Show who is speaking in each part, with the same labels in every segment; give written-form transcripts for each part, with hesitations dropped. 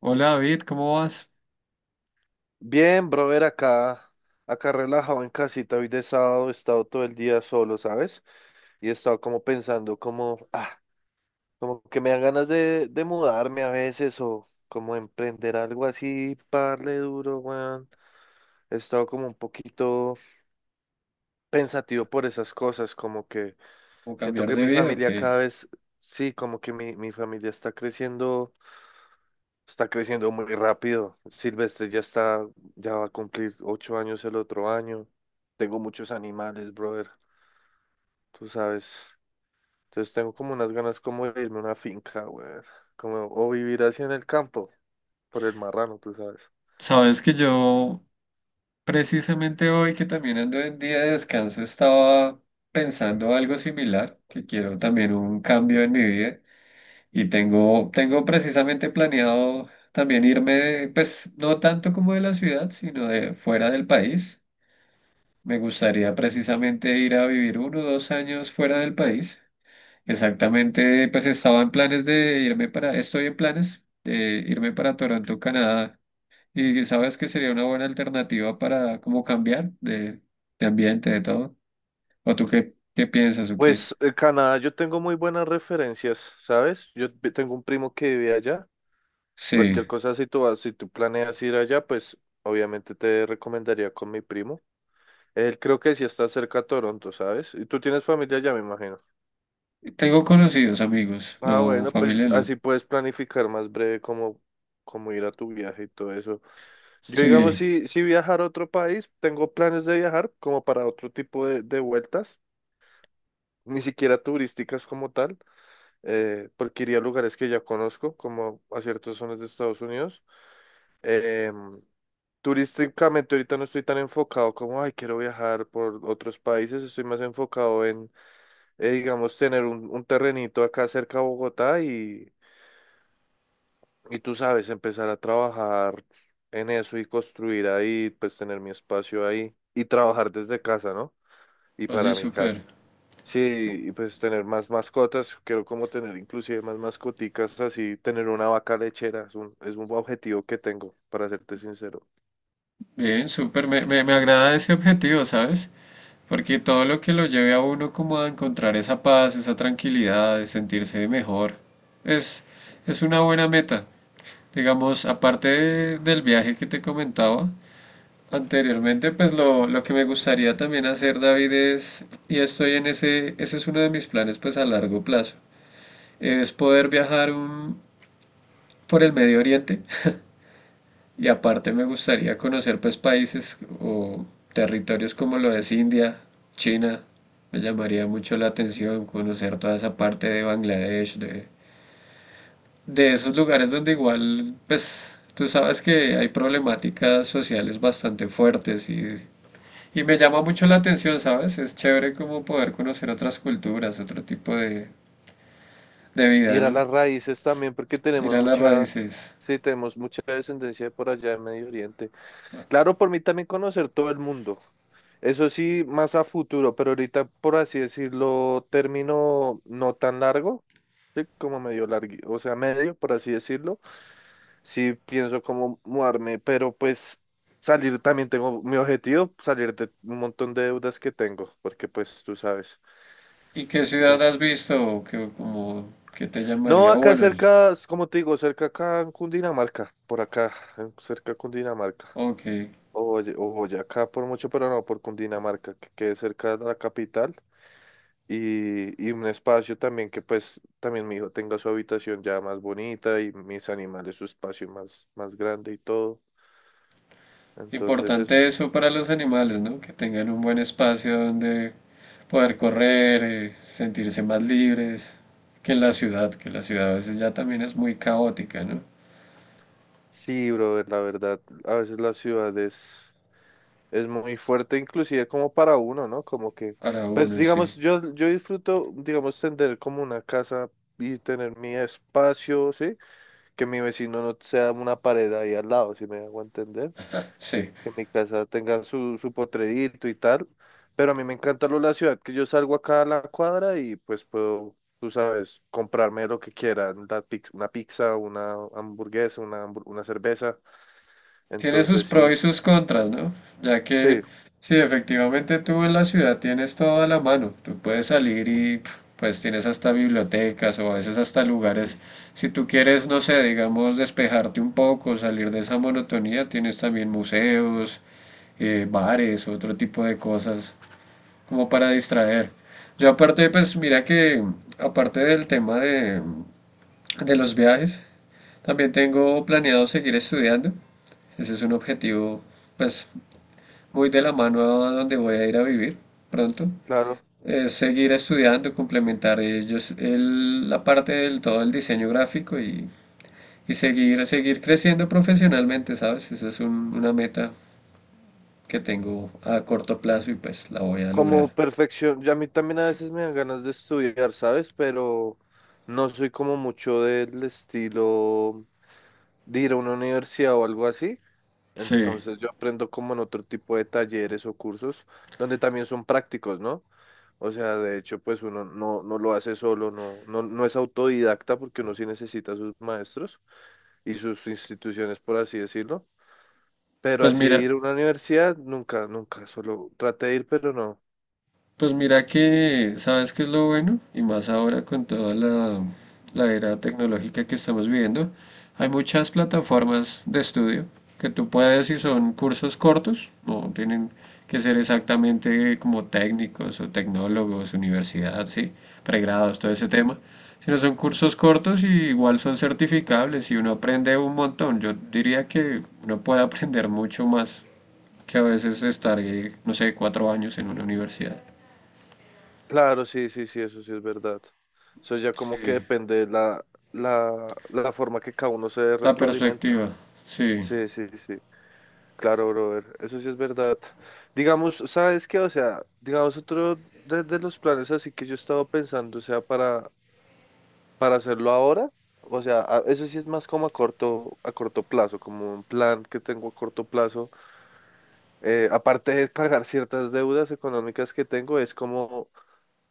Speaker 1: Hola David, ¿cómo vas?
Speaker 2: Bien, brother, acá, acá relajado en casita, hoy de sábado he estado todo el día solo, ¿sabes? Y he estado como pensando, como, como que me dan ganas de mudarme a veces o como emprender algo así, parle duro, weón. He estado como un poquito pensativo por esas cosas, como que
Speaker 1: ¿O
Speaker 2: siento
Speaker 1: cambiar
Speaker 2: que
Speaker 1: de
Speaker 2: mi
Speaker 1: vida o
Speaker 2: familia
Speaker 1: qué?
Speaker 2: cada vez, sí, como que mi familia está creciendo. Está creciendo muy rápido. Silvestre ya está, ya va a cumplir ocho años el otro año. Tengo muchos animales, brother, tú sabes. Entonces tengo como unas ganas como de irme a una finca, brother. Como, o vivir así en el campo, por el marrano, tú sabes.
Speaker 1: Sabes que yo precisamente hoy que también ando en día de descanso estaba pensando algo similar, que quiero también un cambio en mi vida y tengo precisamente planeado también irme, pues no tanto como de la ciudad, sino de fuera del país. Me gustaría precisamente ir a vivir uno o dos años fuera del país. Exactamente, pues estaba en planes de irme para, estoy en planes de irme para Toronto, Canadá, y sabes que sería una buena alternativa para como cambiar de ambiente, de todo. ¿O tú qué piensas o qué?
Speaker 2: Pues Canadá, yo tengo muy buenas referencias, ¿sabes? Tengo un primo que vive allá.
Speaker 1: Sí,
Speaker 2: Cualquier cosa, si tú vas, si tú planeas ir allá, pues obviamente te recomendaría con mi primo. Él creo que sí está cerca a Toronto, ¿sabes? Y tú tienes familia allá, me imagino.
Speaker 1: tengo conocidos amigos,
Speaker 2: Ah,
Speaker 1: no,
Speaker 2: bueno,
Speaker 1: familia
Speaker 2: pues
Speaker 1: no.
Speaker 2: así puedes planificar más breve cómo, cómo ir a tu viaje y todo eso. Yo, digamos,
Speaker 1: Sí,
Speaker 2: si viajar a otro país, tengo planes de viajar como para otro tipo de vueltas, ni siquiera turísticas como tal, porque iría a lugares que ya conozco, como a ciertas zonas de Estados Unidos. Em, Turísticamente ahorita no estoy tan enfocado como, ay, quiero viajar por otros países, estoy más enfocado en, digamos, tener un terrenito acá cerca de Bogotá. Y tú sabes, empezar a trabajar en eso y construir ahí, pues tener mi espacio ahí y trabajar desde casa, ¿no? Y
Speaker 1: oye,
Speaker 2: para mi cat.
Speaker 1: súper,
Speaker 2: Sí, y pues tener más mascotas, quiero como tener inclusive más mascoticas, así tener una vaca lechera, es un objetivo que tengo, para serte sincero.
Speaker 1: bien, súper, me agrada ese objetivo, ¿sabes? Porque todo lo que lo lleve a uno como a encontrar esa paz, esa tranquilidad, de sentirse mejor, es, es una buena meta. Digamos, del viaje que te comentaba anteriormente, pues lo que me gustaría también hacer, David, y estoy en ese es uno de mis planes, pues a largo plazo, es por el Medio Oriente y aparte me gustaría conocer pues países o territorios como lo es India, China. Me llamaría mucho la atención conocer toda esa parte de Bangladesh, de esos lugares donde igual, pues, tú sabes que hay problemáticas sociales bastante fuertes y me llama mucho la atención, ¿sabes? Es chévere como poder conocer otras culturas, otro tipo de
Speaker 2: Y
Speaker 1: vida,
Speaker 2: ir a
Speaker 1: ¿no?
Speaker 2: las raíces también, porque
Speaker 1: Ir
Speaker 2: tenemos
Speaker 1: a las
Speaker 2: mucha,
Speaker 1: raíces.
Speaker 2: sí, tenemos mucha descendencia de por allá en Medio Oriente. Claro, por mí también conocer todo el mundo. Eso sí, más a futuro, pero ahorita, por así decirlo, término no tan largo, sí, como medio largo, o sea, medio, por así decirlo. Sí pienso como mudarme, pero pues salir también tengo mi objetivo, salir de un montón de deudas que tengo, porque pues tú sabes.
Speaker 1: ¿Y qué
Speaker 2: Ya.
Speaker 1: ciudad has visto o qué, como, qué te
Speaker 2: No,
Speaker 1: llamaría? O
Speaker 2: acá
Speaker 1: bueno, el,
Speaker 2: cerca, como te digo, cerca acá en Cundinamarca, por acá, cerca de Cundinamarca.
Speaker 1: ok.
Speaker 2: Oye, oye, acá por mucho, pero no por Cundinamarca, que quede cerca de la capital y un espacio también que pues también mi hijo tenga su habitación ya más bonita y mis animales su espacio más, más grande y todo. Entonces es,
Speaker 1: Importante eso para los animales, ¿no? Que tengan un buen espacio donde poder correr, sentirse más libres que en la ciudad, que la ciudad a veces ya también es muy caótica, ¿no?
Speaker 2: sí, brother, la verdad, a veces la ciudad es muy fuerte, inclusive como para uno, ¿no? Como que,
Speaker 1: Para
Speaker 2: pues
Speaker 1: uno, sí.
Speaker 2: digamos, yo disfruto, digamos, tener como una casa y tener mi espacio, ¿sí? Que mi vecino no sea una pared ahí al lado, si me hago entender,
Speaker 1: Sí.
Speaker 2: que mi casa tenga su potrerito y tal, pero a mí me encanta lo de la ciudad, que yo salgo acá a la cuadra y pues puedo, tú sabes, comprarme lo que quiera, una pizza, una hamburguesa, una cerveza,
Speaker 1: Tiene sus
Speaker 2: entonces
Speaker 1: pros
Speaker 2: sí,
Speaker 1: y sus contras, ¿no? Ya que
Speaker 2: sí,
Speaker 1: si efectivamente tú en la ciudad tienes todo a la mano, tú puedes salir y pf, pues tienes hasta bibliotecas o a veces hasta lugares, si tú quieres, no sé, digamos, despejarte un poco, salir de esa monotonía, tienes también museos, bares, otro tipo de cosas como para distraer. Yo aparte, pues mira que aparte del tema de los viajes, también tengo planeado seguir estudiando. Ese es un objetivo, pues, muy de la mano a donde voy a ir a vivir pronto.
Speaker 2: claro,
Speaker 1: Es seguir estudiando, complementar ellos la parte del todo el diseño gráfico y seguir creciendo profesionalmente, ¿sabes? Una meta que tengo a corto plazo y pues la voy a
Speaker 2: como
Speaker 1: lograr.
Speaker 2: perfección, ya a mí también a veces me dan ganas de estudiar, ¿sabes? Pero no soy como mucho del estilo de ir a una universidad o algo así.
Speaker 1: Sí,
Speaker 2: Entonces yo aprendo como en otro tipo de talleres o cursos donde también son prácticos, ¿no? O sea, de hecho, pues uno no, no lo hace solo, no es autodidacta porque uno sí necesita a sus maestros y sus instituciones, por así decirlo. Pero
Speaker 1: pues
Speaker 2: así de
Speaker 1: mira,
Speaker 2: ir a una universidad, nunca, nunca, solo traté de ir, pero no.
Speaker 1: pues mira que, ¿sabes qué es lo bueno? Y más ahora con toda la era tecnológica que estamos viviendo, hay muchas plataformas de estudio que tú puedes, si son cursos cortos, no tienen que ser exactamente como técnicos o tecnólogos, universidad, sí, pregrados, todo
Speaker 2: Eh,
Speaker 1: ese tema, sino son cursos cortos y igual son certificables y uno aprende un montón. Yo diría que uno puede aprender mucho más que a veces estar, no sé, cuatro años en una universidad.
Speaker 2: Claro, sí, sí, sí, eso sí es verdad. Eso ya como que
Speaker 1: Sí,
Speaker 2: depende de la, la forma que cada uno se
Speaker 1: la
Speaker 2: retroalimenta, ¿no?
Speaker 1: perspectiva, sí.
Speaker 2: Sí, sí, sí. Claro, brother, eso sí es verdad. Digamos, ¿sabes qué? O sea, digamos, otro de los planes así que yo he estado pensando, o sea, para hacerlo ahora, o sea, eso sí es más como a corto plazo, como un plan que tengo a corto plazo. Aparte de pagar ciertas deudas económicas que tengo, es como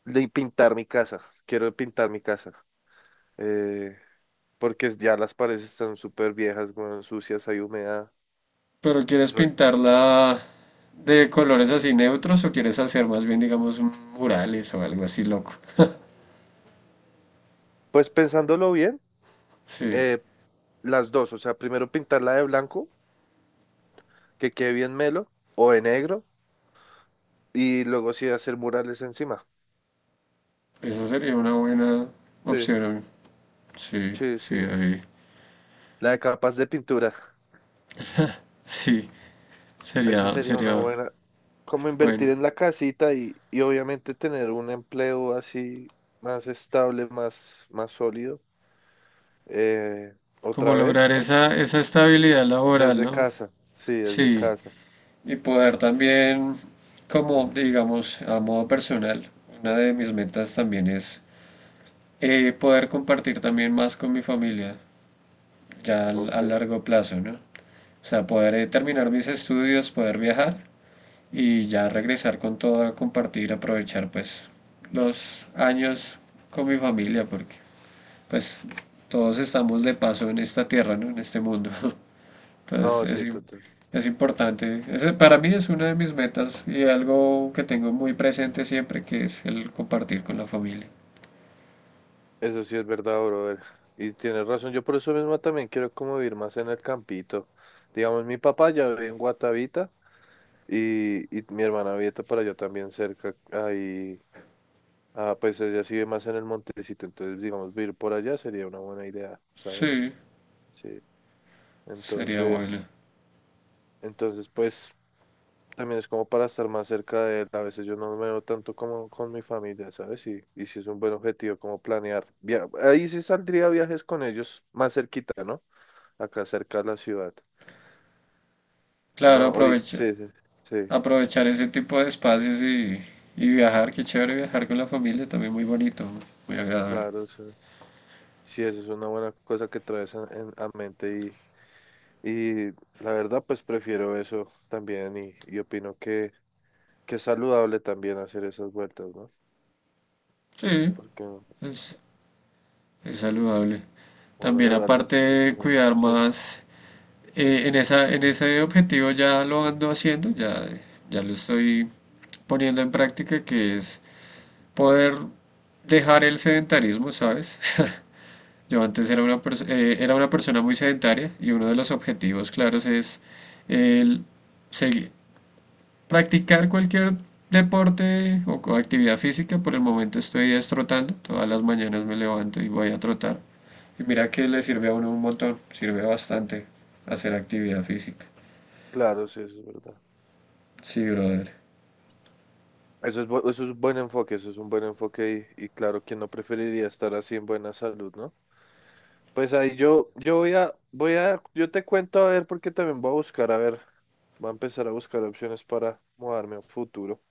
Speaker 2: de pintar mi casa. Quiero pintar mi casa, eh, porque ya las paredes están súper viejas, bueno, sucias, hay humedad.
Speaker 1: ¿Pero quieres
Speaker 2: Entonces,
Speaker 1: pintarla de colores así neutros o quieres hacer más bien, digamos, un murales o algo así loco?
Speaker 2: pues pensándolo bien,
Speaker 1: Sí,
Speaker 2: eh, las dos, o sea, primero pintarla de blanco, que quede bien melo, o de negro, y luego sí hacer murales encima.
Speaker 1: esa sería una buena
Speaker 2: Sí,
Speaker 1: opción. A mí. Sí,
Speaker 2: sí,
Speaker 1: sí,
Speaker 2: sí.
Speaker 1: David.
Speaker 2: La de capas de pintura.
Speaker 1: Sí,
Speaker 2: Esa
Speaker 1: sería,
Speaker 2: sería una
Speaker 1: sería
Speaker 2: buena. Como invertir
Speaker 1: bueno.
Speaker 2: en la casita y obviamente tener un empleo así más estable, más, más sólido, eh, otra
Speaker 1: Como
Speaker 2: vez,
Speaker 1: lograr
Speaker 2: ¿no?
Speaker 1: esa, esa estabilidad laboral,
Speaker 2: Desde
Speaker 1: ¿no?
Speaker 2: casa. Sí, desde
Speaker 1: Sí.
Speaker 2: casa.
Speaker 1: Y poder también, como digamos, a modo personal, una de mis metas también es poder compartir también más con mi familia, ya
Speaker 2: Ok.
Speaker 1: a largo plazo, ¿no? O sea, poder terminar mis estudios, poder viajar y ya regresar con todo a compartir, aprovechar pues los años con mi familia, porque pues todos estamos de paso en esta tierra, ¿no? En este mundo. Entonces
Speaker 2: No, sí,
Speaker 1: es, im-
Speaker 2: total.
Speaker 1: es importante. Ese para mí es una de mis metas y algo que tengo muy presente siempre, que es el compartir con la familia.
Speaker 2: Eso sí es verdad, brother. Y tienes razón, yo por eso mismo también quiero como vivir más en el campito. Digamos, mi papá ya vive en Guatavita y mi hermana vive para allá también cerca. Ahí, pues ella sí vive más en el montecito, entonces digamos, vivir por allá sería una buena idea, ¿sabes?
Speaker 1: Sí,
Speaker 2: Sí.
Speaker 1: sería bueno.
Speaker 2: Entonces, entonces pues también es como para estar más cerca de él. A veces yo no me veo tanto como con mi familia, ¿sabes? Y sí es un buen objetivo como planear. Ahí sí saldría viajes con ellos más cerquita, ¿no? Acá cerca de la ciudad. No,
Speaker 1: Claro,
Speaker 2: ahorita,
Speaker 1: aprovecha-
Speaker 2: sí, sí, sí,
Speaker 1: aprovechar ese tipo de espacios y viajar, qué chévere viajar con la familia, también muy bonito, muy agradable.
Speaker 2: claro, sí, sí, eso es una buena cosa que traes a, a mente y la verdad, pues prefiero eso también y opino que es saludable también hacer esas vueltas, ¿no?
Speaker 1: Sí,
Speaker 2: Porque uno
Speaker 1: es, es saludable.
Speaker 2: a la
Speaker 1: También
Speaker 2: larga
Speaker 1: aparte
Speaker 2: es
Speaker 1: de
Speaker 2: lastimado.
Speaker 1: cuidar
Speaker 2: Sí,
Speaker 1: más, en en ese objetivo ya lo ando haciendo, ya, ya lo estoy poniendo en práctica, que es poder dejar el sedentarismo, ¿sabes? Yo antes era era una persona muy sedentaria y uno de los objetivos claros es el segui- practicar cualquier deporte o actividad física. Por el momento estoy es trotando, todas las mañanas me levanto y voy a trotar. Y mira que le sirve a uno un montón, sirve bastante hacer actividad física.
Speaker 2: claro, sí, eso es verdad.
Speaker 1: Sí, brother.
Speaker 2: Eso es, eso es un buen enfoque, eso es un buen enfoque y claro, ¿quién no preferiría estar así en buena salud, ¿no? Pues ahí yo, yo voy a, voy a, yo te cuento a ver porque también voy a buscar, a ver, voy a empezar a buscar opciones para mudarme a futuro.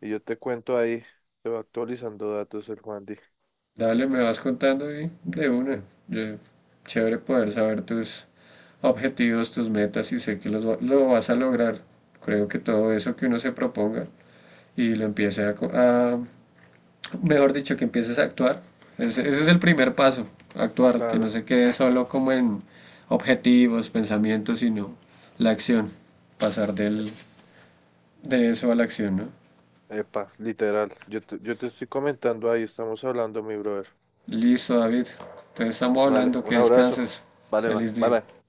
Speaker 2: Y yo te cuento ahí, te va actualizando datos el Juan Di.
Speaker 1: Dale, me vas contando y de una. Yo- Chévere poder saber tus objetivos, tus metas y sé que lo vas a lograr. Creo que todo eso que uno se proponga y lo empiece a, mejor dicho, que empieces a actuar. Ese es el primer paso, actuar, que no
Speaker 2: Claro.
Speaker 1: se quede solo como en objetivos, pensamientos, sino la acción, pasar de eso a la acción, ¿no?
Speaker 2: Epa, literal. Yo te estoy comentando ahí, estamos hablando, mi brother.
Speaker 1: Listo, David. Entonces estamos
Speaker 2: Vale,
Speaker 1: hablando,
Speaker 2: un
Speaker 1: que
Speaker 2: abrazo.
Speaker 1: descanses.
Speaker 2: Vale, va.
Speaker 1: Feliz
Speaker 2: Bye,
Speaker 1: día.
Speaker 2: bye.